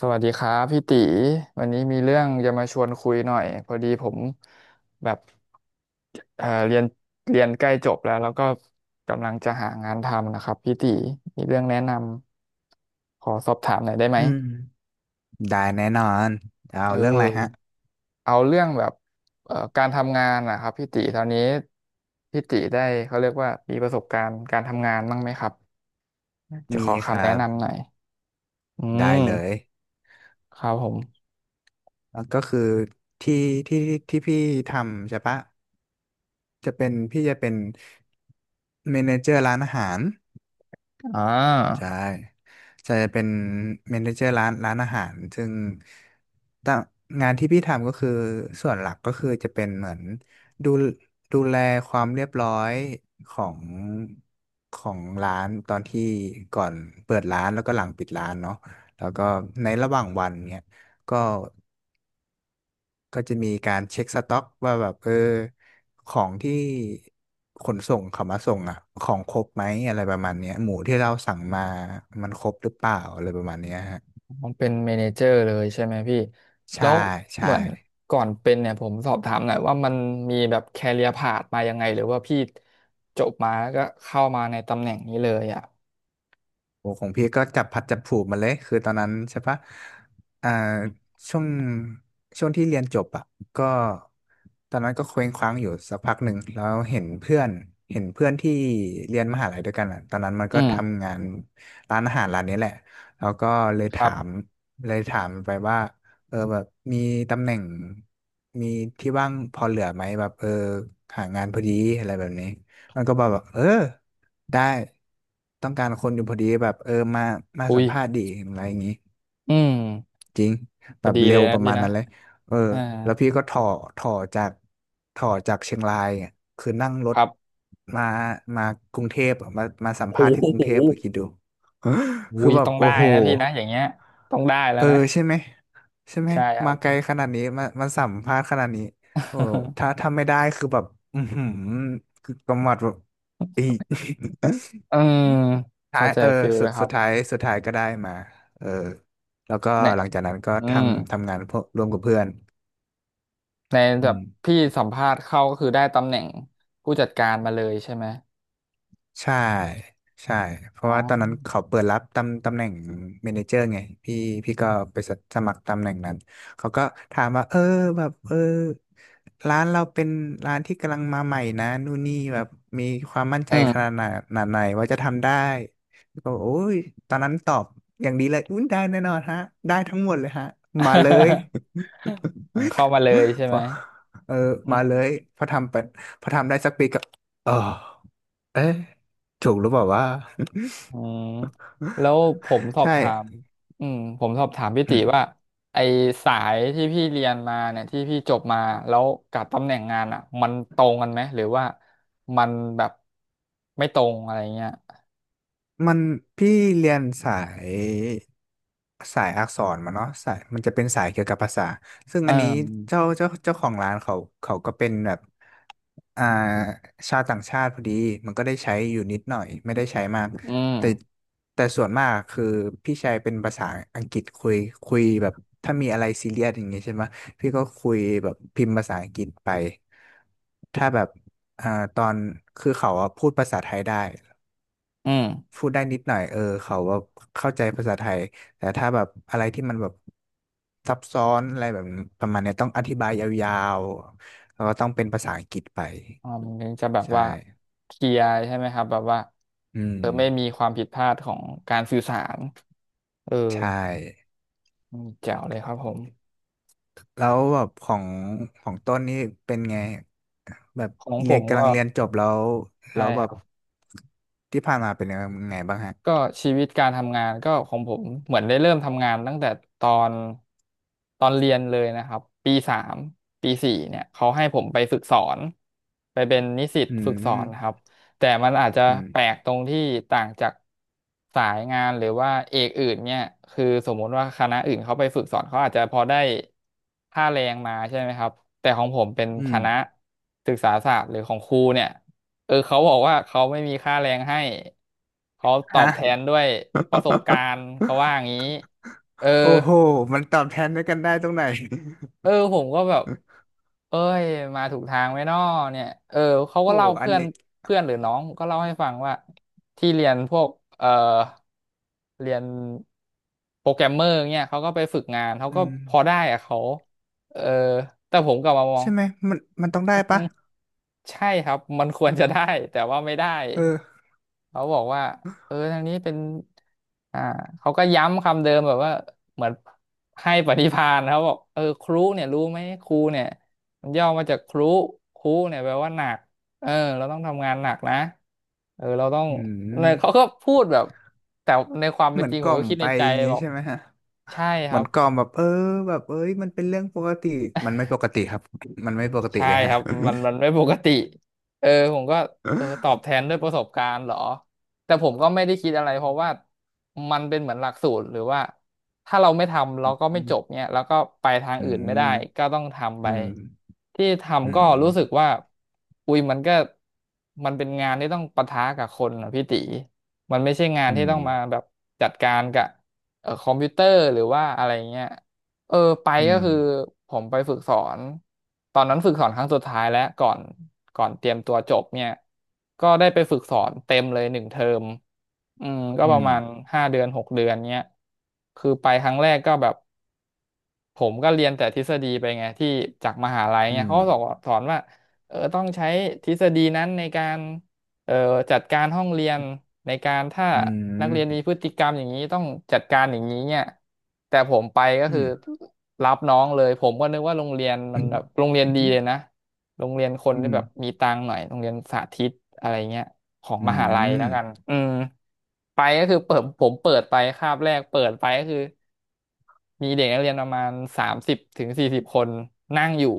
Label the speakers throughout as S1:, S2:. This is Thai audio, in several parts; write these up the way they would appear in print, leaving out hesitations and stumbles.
S1: สวัสดีครับพี่ตีวันนี้มีเรื่องจะมาชวนคุยหน่อยพอดีผมแบบเอ่อเรียนเรียนใกล้จบแล้วแล้วก็กำลังจะหางานทำนะครับพี่ตีมีเรื่องแนะนำขอสอบถามหน่อยได้ไหม
S2: อืมได้แน่นอนเอา
S1: เอ
S2: เรื่องอะไรฮะ
S1: อเอาเรื่องแบบการทำงานนะครับพี่ตีตอนนี้พี่ตีได้เขาเรียกว่ามีประสบการณ์การทำงานบ้างไหมครับจะ
S2: มี
S1: ขอ
S2: ค
S1: คำ
S2: รั
S1: แนะ
S2: บ
S1: นำหน่อยอื
S2: ได้เลย
S1: มครับผม
S2: แล้วก็คือที่ที่ที่พี่ทำใช่ปะจะเป็นพี่จะเป็นเมเนเจอร์ร้านอาหาร
S1: อ่า
S2: ใช่จะเป็นเมเนเจอร์ร้านอาหารซึ่งต่งงานที่พี่ทำก็คือส่วนหลักก็คือจะเป็นเหมือนดูดูแลความเรียบร้อยของของร้านตอนที่ก่อนเปิดร้านแล้วก็หลังปิดร้านเนาะแล้วก็ในระหว่างวันเนี่ยก็ ก็จะมีการเช็คสต็อกว่าแบบของที่ขนส่งเขามาส่งอ่ะของครบไหมอะไรประมาณเนี้ยหมูที่เราสั่งมามันครบหรือเปล่าอะไรประมาณเนี้ยฮะ
S1: มันเป็นเมเนเจอร์เลยใช่ไหมพี่แล้
S2: ใช่
S1: วเห
S2: ใช่
S1: มือนก่อนเป็นเนี่ยผมสอบถามหน่อยว่ามันมีแบบแคเรียพาธมายังไงหรือว่าพี่จบมาแล้วก็เข้ามาในตำแหน่งนี้เลยอ่ะ
S2: โอ้ของพี่ก็จับพัดจับผูกมาเลยคือตอนนั้นใช่ปะอ่าช่วงช่วงที่เรียนจบอ่ะก็ตอนนั้นก็เคว้งคว้างอยู่สักพักหนึ่งแล้วเห็นเพื่อนเห็นเพื่อนที่เรียนมหาลัยด้วยกันอ่ะตอนนั้นมัน
S1: อื
S2: ก็
S1: ม
S2: ทำงานร้านอาหารร้านนี้แหละแล้วก็เลย
S1: ครั
S2: ถา
S1: บ
S2: มเลยถามไปว่าแบบมีตำแหน่งมีที่ว่างพอเหลือไหมแบบหางานพอดีอะไรแบบนี้มันก็บอกว่าได้ต้องการคนอยู่พอดีแบบมา
S1: อุ้
S2: สั
S1: ย
S2: มภาษณ์ดีอะไรอย่างงี้
S1: อืม
S2: จริง
S1: พ
S2: แบ
S1: อ
S2: บ
S1: ดี
S2: เร็
S1: เลย
S2: ว
S1: นะ
S2: ประ
S1: พี่
S2: มาณ
S1: นะ
S2: นั้นเลยเออ
S1: อ่า
S2: แล้วพี่ก็ถ่อจากถ่อจากเชียงรายอะคือนั่งร
S1: ค
S2: ถ
S1: รับ
S2: มามากรุงเทพอะมาสัมภา
S1: โอ้
S2: ษณ์ที่กรุ
S1: โห
S2: งเทพอะคิดดู
S1: อุ้
S2: คือ
S1: ย
S2: แบบ
S1: ต้อง
S2: โอ้
S1: ได้
S2: โห
S1: นะพี่นะอย่างเงี้ยต้องได้แล้
S2: เอ
S1: ว
S2: อ
S1: นะ
S2: ใช่ไหมใช่ไหม
S1: ใช่ครั
S2: มา
S1: บ
S2: ไกลขนาดนี้มาสัมภาษณ์ขนาดนี้โอ้ถ้าไม่ได้คือแบบอือหือคือกำหมัดแบบอีก
S1: อืม
S2: ท้า
S1: เข้า
S2: ย
S1: ใจฟิลแล้วครับ
S2: สุดท้ายก็ได้มาเออแล้วก็
S1: เนี่ย
S2: หลังจากนั้นก็
S1: อืม
S2: ทำงานพวกร่วมกับเพื่อน
S1: ใน
S2: อื
S1: แบบ
S2: ม
S1: พี่สัมภาษณ์เข้าก็คือได้ตำแหน่งผู้จัดการมาเลยใช่ไหม
S2: ใช่ใช่เพ
S1: อ๋อ
S2: ราะว่าตอนนั้นเขาเปิดรับตำแหน่งเมเนเจอร์ไงพี่พี่ก็ไปสมัครตำแหน่งนั้นเขาก็ถามว่าแบบร้านเราเป็นร้านที่กำลังมาใหม่นะนู่นนี่แบบมีความมั่นใจ
S1: อืม
S2: ขนาดไหนขนาดไหนว่าจะทำได้ก็บอกโอ้ยตอนนั้นตอบอย่างดีเลยอุ้ยได้แน่นอนฮะได้ทั้งหมดเลยฮะมาเลย
S1: อมเข้ามาเลยใช่
S2: พ
S1: ไหม
S2: อเออ
S1: อื
S2: มา
S1: ม
S2: เลยพอทำไปพอทำได้สักปีก็เออ เอ๊ะถูกหรือเปล่าว่า
S1: อืมแล้วผมส อบ
S2: ใช่
S1: ถามอืมผมสอบถามพี่
S2: อื
S1: ติ
S2: ม
S1: ว่าไอสายที่พี่เรียนมาเนี่ยที่พี่จบมาแล้วกับตำแหน่งงานอ่ะมันตรงกันไหมหรือว่ามันแบบไม่ตรงอะไรเงี้ย
S2: มันพี่เรียนสายสายอักษรมาเนาะสายมันจะเป็นสายเกี่ยวกับภาษาซึ่ง
S1: เอ
S2: อันนี้
S1: อ
S2: เจ้าของร้านเขาเขาก็เป็นแบบอ่าชาวต่างชาติพอดีมันก็ได้ใช้อยู่นิดหน่อยไม่ได้ใช้มาก
S1: อืม
S2: แต่แต่ส่วนมากคือพี่ใช้เป็นภาษาอังกฤษคุยคุยแบบถ้ามีอะไรซีเรียสอย่างเงี้ยใช่ไหมพี่ก็คุยแบบพิมพ์ภาษาอังกฤษไปถ้าแบบอ่าตอนคือเขาอะพูดภาษาไทยได้
S1: อืม
S2: พูดได้นิดหน่อยเขาแบบเข้าใจภาษาไทย แต่ถ้าแบบอะไรที่มันแบบซับซ้อนอะไรแบบประมาณเนี้ยต้องอธิบายยาวๆแล้วก็ต้องเป็นภาษาอังกฤษไป
S1: อ่ามันถึงจะแบบ
S2: ใช่
S1: ว่าเคลียร์ใช่ไหมครับแบบว่า
S2: อืม
S1: เออไม่มีความผิดพลาดของการสื่อสารเออ
S2: ใช่
S1: อืมแจ๋วเลยครับผม
S2: แล้วแบบของของต้นนี่เป็นไงแบบ
S1: ของผ
S2: เรียน
S1: ม
S2: กำ
S1: ก็
S2: ลังเรียนจบแล้ว
S1: ใช่
S2: แล้วแบ
S1: ค
S2: บ
S1: รับ
S2: ที่ผ่านมาเป็นยังไงบ้างฮะ
S1: ก็ชีวิตการทำงานก็ของผมเหมือนได้เริ่มทำงานตั้งแต่ตอนตอนเรียนเลยนะครับปีสามปีสี่เนี่ยเขาให้ผมไปฝึกสอนไปเป็นนิสิต
S2: อื
S1: ฝึกสอนนะครั
S2: ม
S1: บแต่มันอาจจะ
S2: อื
S1: แปล
S2: ม
S1: กตรงที่ต่างจากสายงานหรือว่าเอกอื่นเนี่ยคือสมมุติว่าคณะอื่นเขาไปฝึกสอนเขาอาจจะพอได้ค่าแรงมาใช่ไหมครับแต่ของผมเป็น
S2: อื
S1: ค
S2: ม
S1: ณะศึกษาศาสตร์หรือของครูเนี่ย เออเขาบอกว่าเขาไม่มีค่าแรงให้เขาตอบ
S2: ฮะ
S1: แทนด้วยประสบการณ์เขาว่าอ ย่างนี้เออ
S2: โอ้โหมันตอบแทนด้วยกันได้ตรงไหน
S1: เออ ผมก็แบบเอ้ยมาถูกทางไหมน้อเนี่ยเออเขาก็
S2: โอ้
S1: เล่า
S2: อัน
S1: เพื่อน
S2: นี้
S1: เพื่อนหรือน้องก็เล่าให้ฟังว่าที่เรียนพวกเออเรียนโปรแกรมเมอร์เนี่ยเขาก็ไปฝึกงานเขา
S2: อื
S1: ก็
S2: ม
S1: พอได้อะเขาเออแต่ผมกลับมามอง
S2: ใช่ไหมมันมันต้องได้
S1: อืม
S2: ปะ
S1: ใช่ครับมันควรจะได้แต่ว่าไม่ได้
S2: เออ
S1: เขาบอกว่าเออทางนี้เป็นอ่าเขาก็ย้ำคำเดิมแบบว่าเหมือนให้ปฏิภาณเขาบอกเออครุเนี่ยรู้ไหมครูเนี่ยมันย่อมาจากครุครุเนี่ยแปลว่าหนักเออเราต้องทำงานหนักนะเออเราต้อง
S2: อื
S1: เนี่ยเขา
S2: ม
S1: ก็พูดแบบแต่ในความ
S2: เห
S1: เป็น
S2: มือ
S1: จ
S2: น
S1: ริง
S2: ก
S1: ผ
S2: ล่
S1: ม
S2: อ
S1: ก็
S2: ม
S1: คิด
S2: ไป
S1: ในใจ
S2: อย่างงี้
S1: บอก
S2: ใช่ไหมฮะ
S1: ใช่ค
S2: เหมื
S1: รั
S2: อน
S1: บ
S2: กล่อมแบบแบบเอ้ยมันเป็นเรื่องปกติมันไม่ปกติครับมันไม่ปกติ
S1: ใช่
S2: เลย
S1: ค
S2: ฮะ
S1: รับมันไม่ปกติเออผมก็เออตอบแทนด้วยประสบการณ์เหรอแต่ผมก็ไม่ได้คิดอะไรเพราะว่ามันเป็นเหมือนหลักสูตรหรือว่าถ้าเราไม่ทำเราก็
S2: อื
S1: ไม่จ
S2: ม
S1: บเนี่ยแล้วก็ไปทาง
S2: อื
S1: อื่น
S2: ม
S1: ไม่ได้ก็ต้องทำไป
S2: อืม
S1: ที่
S2: อื
S1: ทำก็รู้
S2: ม
S1: สึกว่าอุ้ยมันก็มันเป็นงานที่ต้องปะทะกับคนนะพี่ติมันไม่ใช่งาน
S2: อื
S1: ที่
S2: ม
S1: ต้องมาแบบจัดการกับคอมพิวเตอร์หรือว่าอะไรเงี้ย เออไป
S2: อื
S1: ก็
S2: ม
S1: คือผมไปฝึกสอนตอนนั้นฝึกสอนครั้งสุดท้ายแล้วก่อนเตรียมตัวจบเนี่ยก็ได้ไปฝึกสอนเต็มเลยหนึ่งเทอมอืมก็
S2: อื
S1: ประ
S2: ม
S1: มาณ5 เดือน 6 เดือนเนี้ยคือไปครั้งแรกก็แบบ ผมก็เรียนแต่ทฤษฎีไปไงที่จากมหาลัย
S2: อื
S1: เนี่ย
S2: ม
S1: เขาก็สอนว่าเออต้องใช้ทฤษฎีนั้นในการเอ่อจัดการห้องเรียนในการถ้า
S2: อื
S1: นัก
S2: ม
S1: เรียนมีพฤติกรรมอย่างนี้ต้องจัดการอย่างนี้เนี่ยแต่ผมไปก็
S2: อื
S1: คือ
S2: ม
S1: รับน้องเลยผมก็นึกว่าโรงเรียนมั
S2: อื
S1: น
S2: ม
S1: แบบโรงเรียนดีเลยนะโรงเรียนคน
S2: อื
S1: ที่แบบ
S2: ม
S1: มีตังค์หน่อยโรงเรียนสาธิตอะไรเงี้ยของมหาลัยแล้วกันอืมไปก็คือเปิดผมเปิดไปคาบแรกเปิดไปก็คือ มีเด็กนักเรียนประมาณ30 ถึง 40 คนนั่งอยู่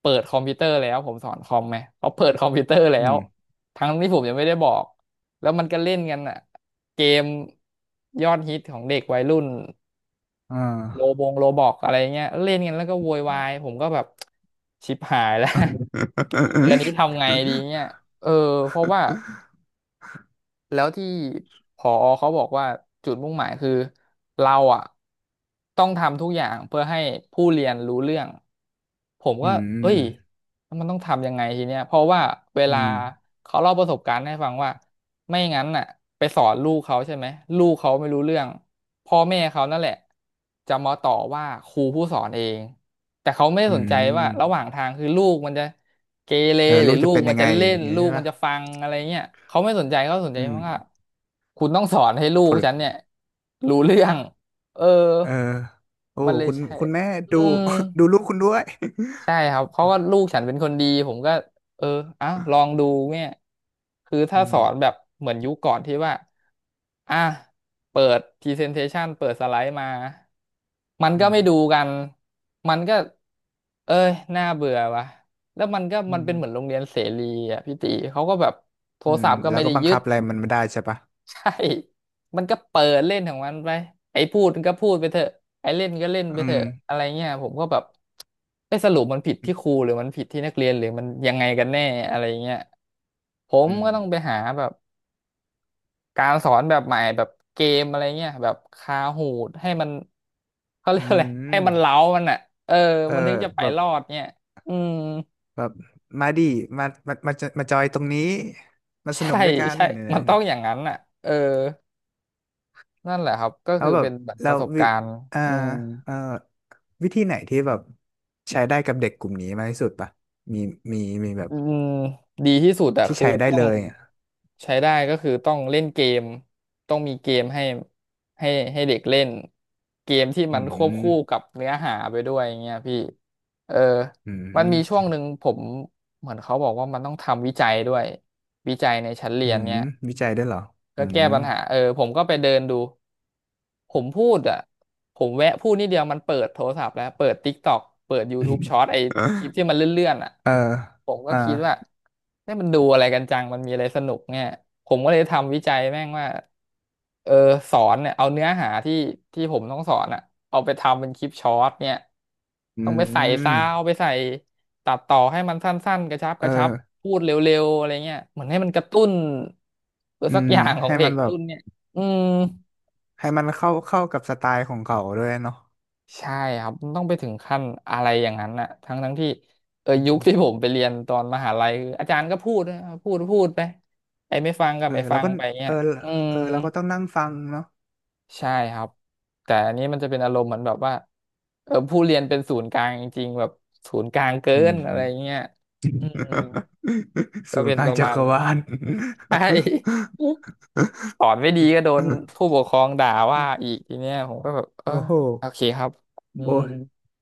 S1: เปิดคอมพิวเตอร์แล้วผมสอนคอมไหมเขาเปิดคอมพิวเตอร์แล้
S2: อื
S1: ว
S2: ม
S1: ทั้งที่ผมยังไม่ได้บอกแล้วมันก็เล่นกันอ่ะเกมยอดฮิตของเด็กวัยรุ่น
S2: อ่
S1: โล
S2: า
S1: บงโลบอกอะไรเงี้ยเล่นกันแล้วก็โวยวายผมก็แบบชิบหายแล้ว 6 เดือนนี้ทำไงดีเนี่ยเออเพราะว่า แล้วที่ผอเขาบอกว่าจุดมุ่งหมายคือเราอ่ะต้องทำทุกอย่างเพื่อให้ผู้เรียนรู้เรื่องผม
S2: อื
S1: ก็เอ้ย
S2: ม
S1: มันต้องทำยังไงทีเนี้ยเพราะว่าเว
S2: อื
S1: ลา
S2: ม
S1: เขาเล่าประสบการณ์ให้ฟังว่า ไม่งั้นน่ะไปสอนลูกเขาใช่ไหมลูกเขาไม่รู้เรื่องพ่อแม่เขานั่นแหละจะมาต่อว่าครูผู้สอนเองแต่เขาไม่ได้
S2: อื
S1: สนใจว่าระห
S2: ม
S1: ว่างทางคือลูกมันจะเกเร
S2: เออ
S1: ห
S2: ลู
S1: รือ
S2: ก
S1: ลู
S2: จะ
S1: ก
S2: เป็น
S1: มั
S2: ยั
S1: น
S2: ง
S1: จะ
S2: ไงอ
S1: เล่
S2: ย่าง
S1: น
S2: เงี้ย
S1: ลู
S2: ใช่
S1: กมัน
S2: ปะ
S1: จะฟังอะไรเงี้ยเขาไม่สนใจเขาสนใจ
S2: อืม
S1: ว่าคุณต้องสอนให้ลู
S2: ผ
S1: ก
S2: ล
S1: ฉันเนี่ยรู้เรื่องเออ
S2: เออโอ้
S1: มันเลยใช่
S2: คุณแม่
S1: อื
S2: ดู
S1: ม
S2: ดูลูกคุณด้วย
S1: ใช่ครับเขาก็ลูกฉันเป็นคนดีผมก็เอออ่ะลองดูเนี่ยคือ
S2: อื
S1: ถ้าส
S2: ม
S1: อนแบบเหมือนยุคก่อนที่ว่าอ่ะเปิด presentation เปิดสไลด์มามันก็
S2: อืม
S1: ไม่ดูกันมันก็เอ้ยน่าเบื่อว่ะแล้วมันก็
S2: อื
S1: มัน
S2: ม
S1: เป็นเหมือนโรงเรียนเสรีอ่ะพี่ติเขาก็แบบโท
S2: อื
S1: ร
S2: ม
S1: ศัพท์ก็
S2: แล้
S1: ไม่
S2: วก็
S1: ได้
S2: บัง
S1: ยึ
S2: คั
S1: ด
S2: บอะไรมันไม่ได้ใช่ปะ
S1: ใช่ มันก็เปิดเล่นของมันไป ไอ้พูดมันก็พูดไปเถอะไอ้เล่นก็เล่นไป
S2: อื
S1: เถ
S2: ม
S1: อะอะไรเงี้ยผมก็แบบไอ้ยสรุปมันผิดที่ครูหรือมันผิดที่นักเรียนหรือมันยังไงกันแน่อะไรเงี้ยผม
S2: อืม
S1: ก็ต้องไปหาแบบการสอนแบบใหม่แบบเกมอะไรเงี้ยแบบคาหูดให้มันเขาเรียก
S2: อื
S1: อะไรให้
S2: ม
S1: มันเล้ามันอ่ะเออ
S2: เออ
S1: มันถึงจะไป
S2: แบบ
S1: รอดเนี่ยอืม
S2: แบบมาดิมาจะมาจอยตรงนี้มาสนุ
S1: ใช่
S2: กด้วยกัน
S1: ใช่
S2: เนี่
S1: มันต้อ
S2: ย
S1: งอย่างนั้นอ่ะเออนั่นแหละครับก็
S2: แล้
S1: คื
S2: ว
S1: อ
S2: แบบ
S1: เป็นแบบป
S2: แล้
S1: ระ
S2: ว
S1: สบการณ์
S2: อ่า
S1: อืม
S2: เอ่อวิธีไหนที่แบบใช้ได้กับเด็กกลุ่มนี้มากที่สุดปะมีมีมีแบบ
S1: อืมดีที่สุดอะ
S2: ที่
S1: คือ
S2: ใช้ได้
S1: ต้อ
S2: เล
S1: ง
S2: ยอะ
S1: ใช้ได้ก็คือต้องเล่นเกมต้องมีเกมให้ให้เด็กเล่นเกมที่
S2: อื
S1: มันควบคู่กั
S2: ม
S1: บเนื้อหาไปด้วยอย่างเงี้ยพี่เออ
S2: อื
S1: มันมี
S2: ม
S1: ช่วงหนึ่งผมเหมือนเขาบอกว่ามันต้องทำวิจัยด้วยวิจัยในชั้นเรี
S2: อื
S1: ยน
S2: ม
S1: เนี้ย
S2: วิจัยได้วยเหรอ
S1: ก็
S2: อื
S1: แก้
S2: ม
S1: ปัญหาเออผมก็ไปเดินดู ผมพูดอ่ะผมแวะพูดนิดเดียวมันเปิดโทรศัพท์แล้วเปิด TikTok เปิด YouTube Short ไอ คลิปที่มันเลื่อนๆอ่ะ
S2: เออ
S1: ผมก็
S2: อ่า
S1: คิดว่าเนี่ยมันดูอะไรกันจังมันมีอะไรสนุกเนี่ยผมก็เลยทำวิจัยแม่งว่าเออสอนเนี่ยเอาเนื้อหาที่ผมต้องสอนอ่ะเอาไปทำเป็นคลิปช็อตเนี่ย
S2: อื
S1: ต้องไปใส่
S2: ม
S1: ซาวด์ไปใส่ตัดต่อให้มันสั้นๆกระชับก
S2: เออ
S1: ระชับพูดเร็วๆอะไรเงี้ยเหมือนให้มันกระตุ้นตัว
S2: อื
S1: สัก
S2: ม
S1: อย่างของ
S2: ให้
S1: เด็
S2: มั
S1: ก
S2: นแบบ
S1: รุ่นเนี่ยอืม
S2: ให้มันเข้าเข้ากับสไตล์ของเขาด้วยเนาะ
S1: ใช่ครับมันต้องไปถึงขั้นอะไรอย่างนั้นน่ะทั้งที่เออ
S2: อื
S1: ยุค
S2: ม
S1: ที่ผมไปเรียนตอนมหาลัยคืออาจารย์ก็พูดนะพูดไปไอ้ไม่ฟังก็ไม่ฟั
S2: แล้ว
S1: ง
S2: ก็
S1: ไปเงี้
S2: เอ
S1: ย
S2: อ
S1: อืม
S2: เออเราก็ต้องนั่งฟังเนาะ
S1: ใช่ครับแต่อันนี้มันจะเป็นอารมณ์เหมือนแบบว่าเออผู้เรียนเป็นศูนย์กลางจริงๆแบบศูนย์กลางเกิ
S2: อื
S1: นอะไร
S2: ม
S1: เงี้ยอืม ก็
S2: ศูน
S1: เป็
S2: ย์
S1: น
S2: กลา
S1: ป
S2: ง
S1: ระ
S2: จั
S1: มาณ
S2: กร
S1: นี้
S2: วาล
S1: ใช่ สอนไม่ดีก็โดนผู้ปกครองด่าว่า อีกทีเนี้ยผมก็แบบเออ
S2: โอ้โห
S1: โอเคครับอื
S2: โอ้
S1: ม
S2: ย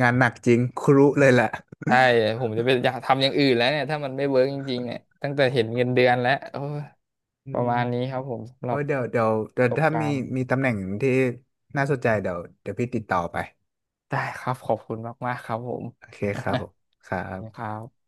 S2: งานหนักจริง ครุเลยแหละ
S1: ใช่ผมจะไปอยากทำอย่างอื่นแล้วเนี่ยถ้ามันไม่เวิร์กจริงๆเนี่ยตั้งแต่เห็นเงินเดือนแล้วโอ้ย
S2: อื
S1: ประ
S2: ม
S1: มาณนี้ครับผมสำห
S2: โอ้
S1: รับ
S2: ยเดี๋ยวเดี๋ยว
S1: ป
S2: เดี๋
S1: ระ
S2: ยว
S1: สบ
S2: ถ้า
S1: กา
S2: มี
S1: รณ์
S2: มีตำแหน่งที่น่าสนใจเดี๋ยวเดี๋ยวพี่ติดต่อไป
S1: ได้ครับขอบคุณมากๆครับผม
S2: โอเคครับผมครั
S1: ค
S2: บ
S1: รับ